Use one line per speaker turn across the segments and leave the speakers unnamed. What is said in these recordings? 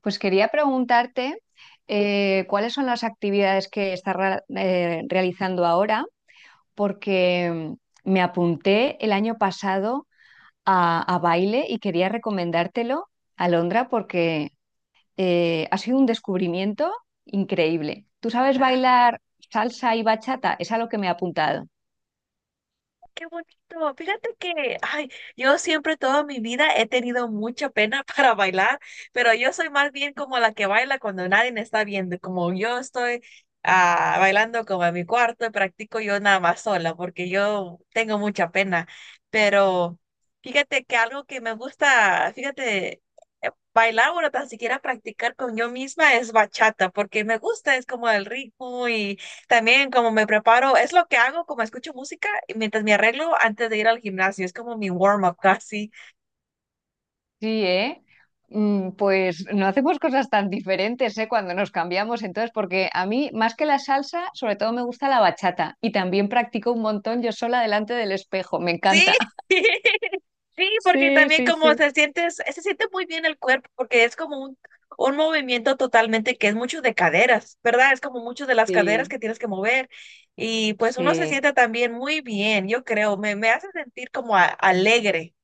Pues quería preguntarte cuáles son las actividades que estás realizando ahora, porque me apunté el año pasado a baile y quería recomendártelo, Alondra, porque ha sido un descubrimiento increíble. ¿Tú sabes
Ah,
bailar salsa y bachata? Es a lo que me he apuntado.
qué bonito. Fíjate que, ay, yo siempre toda mi vida he tenido mucha pena para bailar, pero yo soy más bien como la que baila cuando nadie me está viendo. Como yo estoy bailando como en mi cuarto, practico yo nada más sola porque yo tengo mucha pena. Pero fíjate que algo que me gusta, fíjate, bailar o tan siquiera practicar con yo misma es bachata porque me gusta, es como el ritmo. También como me preparo, es lo que hago, como escucho música y mientras me arreglo antes de ir al gimnasio, es como mi warm-up casi.
Sí, ¿eh? Pues no hacemos cosas tan diferentes, ¿eh? Cuando nos cambiamos, entonces, porque a mí, más que la salsa, sobre todo me gusta la bachata y también practico un montón yo sola delante del espejo, me
Sí,
encanta.
sí, porque
Sí,
también
sí,
como
sí.
se siente muy bien el cuerpo, porque es como un movimiento totalmente que es mucho de caderas, ¿verdad? Es como mucho de las caderas
Sí,
que tienes que mover y pues uno se
sí,
siente también muy bien, yo creo, me hace sentir como alegre.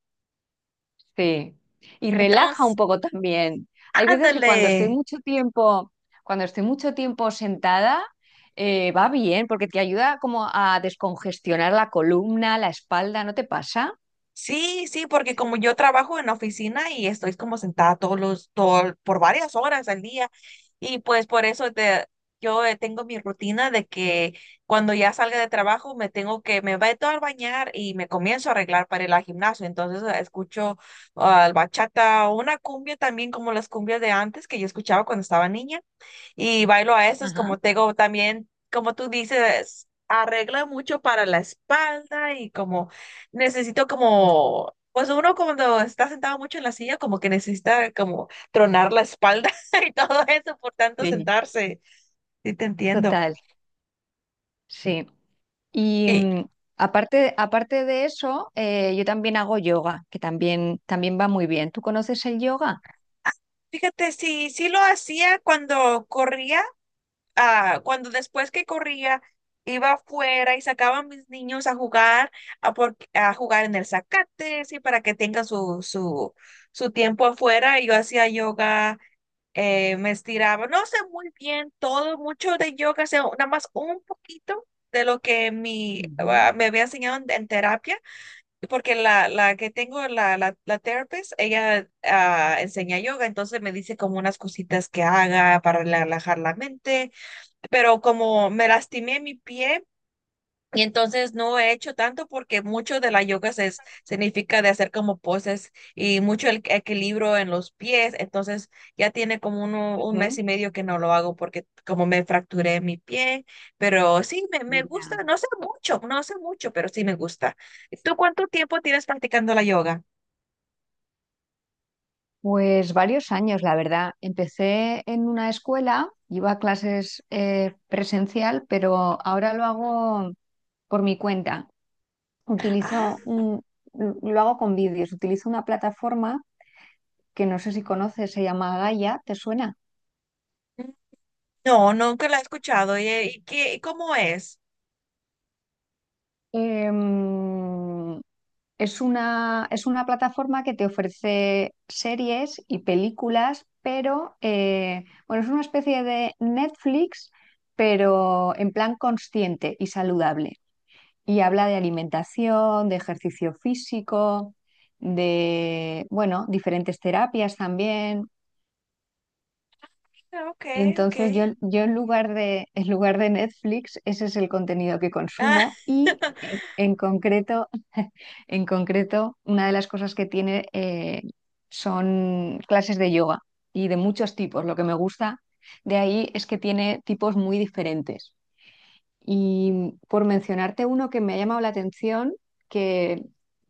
sí. Y relaja un
Entonces,
poco también. Hay veces que
ándale.
cuando estoy mucho tiempo, cuando estoy mucho tiempo sentada, va bien, porque te ayuda como a descongestionar la columna, la espalda, ¿no te pasa?
Sí, sí, porque como yo trabajo en la oficina y estoy como sentada todo, por varias horas al día, y pues yo tengo mi rutina de que cuando ya salga de trabajo me meto a bañar y me comienzo a arreglar para ir al gimnasio. Entonces escucho bachata, una cumbia también como las cumbias de antes que yo escuchaba cuando estaba niña y bailo a esas,
Ajá.
como tengo también, como tú dices, arregla mucho para la espalda y como necesito como, pues uno cuando está sentado mucho en la silla, como que necesita como tronar la espalda y todo eso por tanto
Sí.
sentarse. Sí, te entiendo.
Total. Sí. Y
Y
aparte de eso, yo también hago yoga, que también va muy bien. ¿Tú conoces el yoga?
fíjate, sí, sí lo hacía cuando corría, cuando después que corría, iba afuera y sacaba a mis niños a jugar, a jugar en el zacate, sí, para que tengan su tiempo afuera. Y yo hacía yoga, me estiraba, no sé muy bien todo, mucho de yoga, sé nada más un poquito de lo que mi,
Ujú.
me había enseñado en terapia, porque la que tengo, la therapist, ella enseña yoga, entonces me dice como unas cositas que haga para relajar la mente, pero como me lastimé mi pie y entonces no he hecho tanto porque mucho de la yoga significa de hacer como poses y mucho el equilibrio en los pies. Entonces ya tiene como un mes y medio que no lo hago porque como me fracturé mi pie, pero sí, me
Ujú.
gusta,
Ya.
no sé mucho, pero sí me gusta. ¿Tú cuánto tiempo tienes practicando la yoga?
Pues varios años, la verdad. Empecé en una escuela, iba a clases presencial, pero ahora lo hago por mi cuenta.
Ah,
Utilizo un, lo hago con vídeos, utilizo una plataforma que no sé si conoces, se llama Gaia, ¿te suena?
no, nunca la he escuchado. ¿Y qué, cómo es?
Em, Es es una plataforma que te ofrece series y películas, pero bueno, es una especie de Netflix, pero en plan consciente y saludable. Y habla de alimentación, de ejercicio físico, de, bueno, diferentes terapias también.
Ah, ok, ok.
Entonces yo en lugar de Netflix, ese es el contenido que
Ah.
consumo y en concreto, en concreto, una de las cosas que tiene son clases de yoga y de muchos tipos. Lo que me gusta de ahí es que tiene tipos muy diferentes. Y por mencionarte uno que me ha llamado la atención, que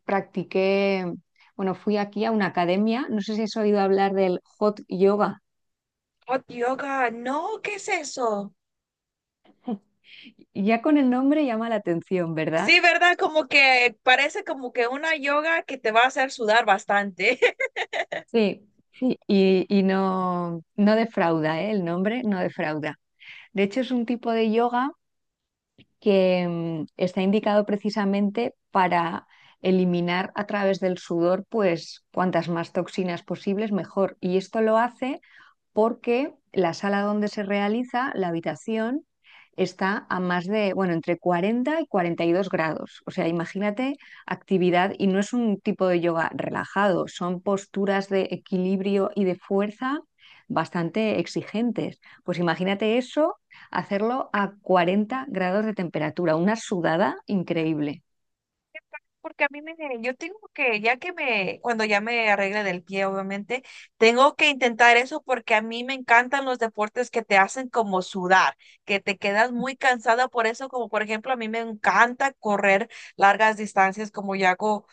practiqué, bueno, fui aquí a una academia, no sé si has oído hablar del hot yoga.
Hot yoga, no, ¿qué es eso?
Ya con el nombre llama la atención, ¿verdad?
Sí, ¿verdad? Como que parece como que una yoga que te va a hacer sudar bastante.
Sí, sí, y no, no defrauda, ¿eh? El nombre no defrauda. De hecho, es un tipo de yoga que está indicado precisamente para eliminar a través del sudor, pues cuantas más toxinas posibles, mejor. Y esto lo hace porque la sala donde se realiza, la habitación, está a más de, bueno, entre 40 y 42 grados. O sea, imagínate actividad y no es un tipo de yoga relajado, son posturas de equilibrio y de fuerza bastante exigentes. Pues imagínate eso, hacerlo a 40 grados de temperatura, una sudada increíble.
Porque yo tengo que, ya que me, cuando ya me arregle del pie, obviamente, tengo que intentar eso porque a mí me encantan los deportes que te hacen como sudar, que te quedas muy cansada por eso, como por ejemplo, a mí me encanta correr largas distancias, como yo hago.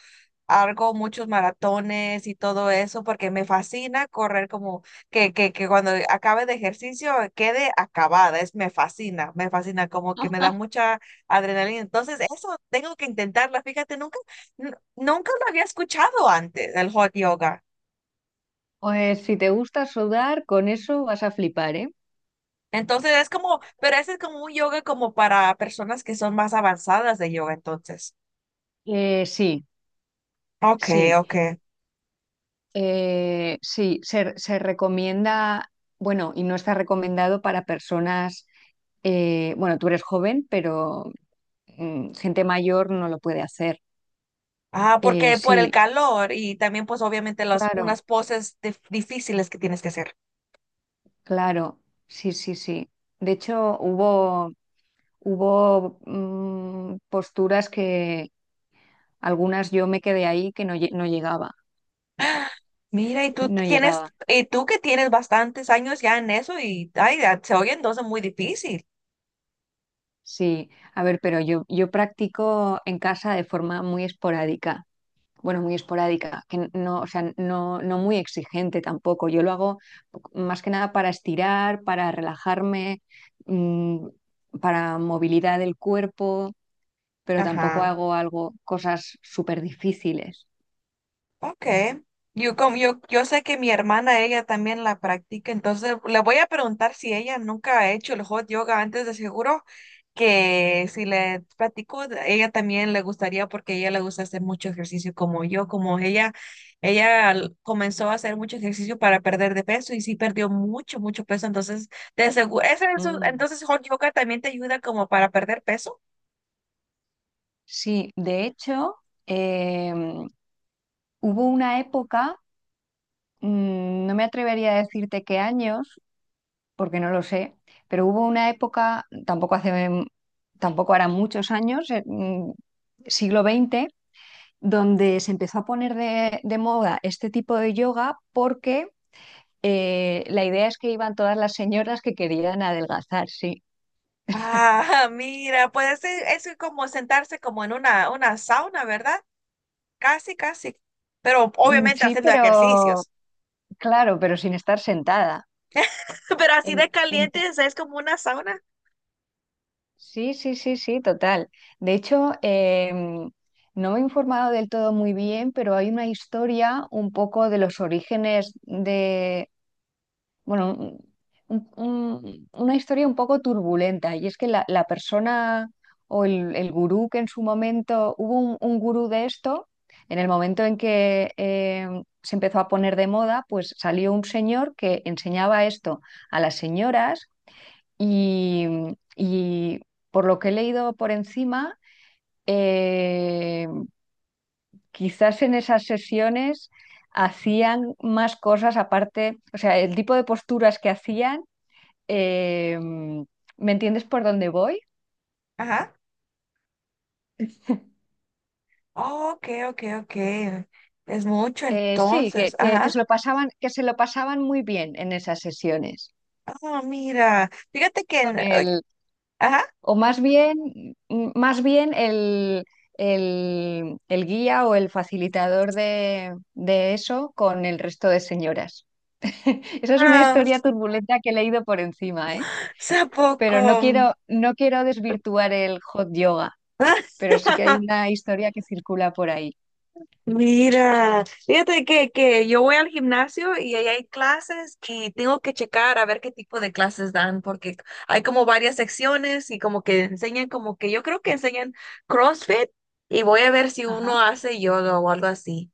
Hago muchos maratones y todo eso porque me fascina correr como que cuando acabe de ejercicio quede acabada. Es, me fascina, como que me da mucha adrenalina. Entonces, eso tengo que intentarla. Fíjate, nunca, nunca lo había escuchado antes, el hot yoga.
Pues si te gusta sudar, con eso vas a flipar, ¿eh?
Entonces es como, pero ese es como un yoga como para personas que son más avanzadas de yoga, entonces.
Sí,
Okay,
sí.
okay.
Sí, se recomienda, bueno, y no está recomendado para personas, bueno, tú eres joven, pero gente mayor no lo puede hacer.
Ah, porque por el
Sí,
calor y también pues obviamente las
claro,
unas poses difíciles que tienes que hacer.
claro, sí, sí, sí. De hecho, hubo posturas que algunas yo me quedé ahí que no, no llegaba,
Mira, y tú
no
tienes,
llegaba.
y tú que tienes bastantes años ya en eso y ay, ya, se oye entonces muy difícil.
Sí, a ver, pero yo practico en casa de forma muy esporádica. Bueno, muy esporádica, que no, o sea, no, no muy exigente tampoco. Yo lo hago más que nada para estirar, para relajarme, mm, para movilidad del cuerpo, pero tampoco
Ajá.
hago algo, cosas súper difíciles.
Okay. Yo, como, yo sé que mi hermana, ella también la practica, entonces le voy a preguntar si ella nunca ha hecho el hot yoga antes, de seguro, que si le platico, ella también le gustaría porque ella le gusta hacer mucho ejercicio como yo, como ella comenzó a hacer mucho ejercicio para perder de peso y sí perdió mucho, mucho peso, entonces de seguro,
Mm,
entonces hot yoga también te ayuda como para perder peso.
Sí, de hecho, eh, hubo una época, no me atrevería a decirte qué años, porque no lo sé, pero hubo una época, tampoco hace, tampoco hará muchos años, siglo XX, donde se empezó a poner de moda este tipo de yoga porque la idea es que iban todas las señoras que querían adelgazar, sí.
Ah, mira, puede ser, es como sentarse como en una sauna, ¿verdad? Casi, casi. Pero obviamente
Sí,
haciendo
pero
ejercicios.
claro, pero sin estar sentada.
Pero así
En-
de
en-
caliente, o sea, es como una sauna.
sí, sí, sí, sí, total. De hecho, no me he informado del todo muy bien, pero hay una historia un poco de los orígenes, bueno, una historia un poco turbulenta, y es que la persona o el gurú que en su momento, hubo un gurú de esto, en el momento en que se empezó a poner de moda, pues salió un señor que enseñaba esto a las señoras y, y por lo que he leído por encima, eh, quizás en esas sesiones hacían más cosas aparte, o sea, el tipo de posturas que hacían, eh, ¿me entiendes por dónde voy?
Ajá. Oh, ok, ok, ok. Es mucho
Sí, que,
entonces.
que
Ajá.
se lo pasaban, que se lo pasaban muy bien en esas sesiones.
Oh, mira. Fíjate que
Con
en- ay.
el,
Ajá.
o más bien, mm, más bien el- El guía o el facilitador de eso con el resto de señoras. Esa es una
Ah,
historia
o
turbulenta que he leído por encima, ¿eh? Pero no
poco.
quiero, no quiero desvirtuar el hot yoga, pero sí que hay una historia que circula por ahí.
Mira, fíjate que yo voy al gimnasio y ahí hay clases que tengo que checar a ver qué tipo de clases dan, porque hay como varias secciones y como que enseñan, como que yo creo que enseñan CrossFit, y voy a ver si
Ajá.
uno hace yoga o algo así.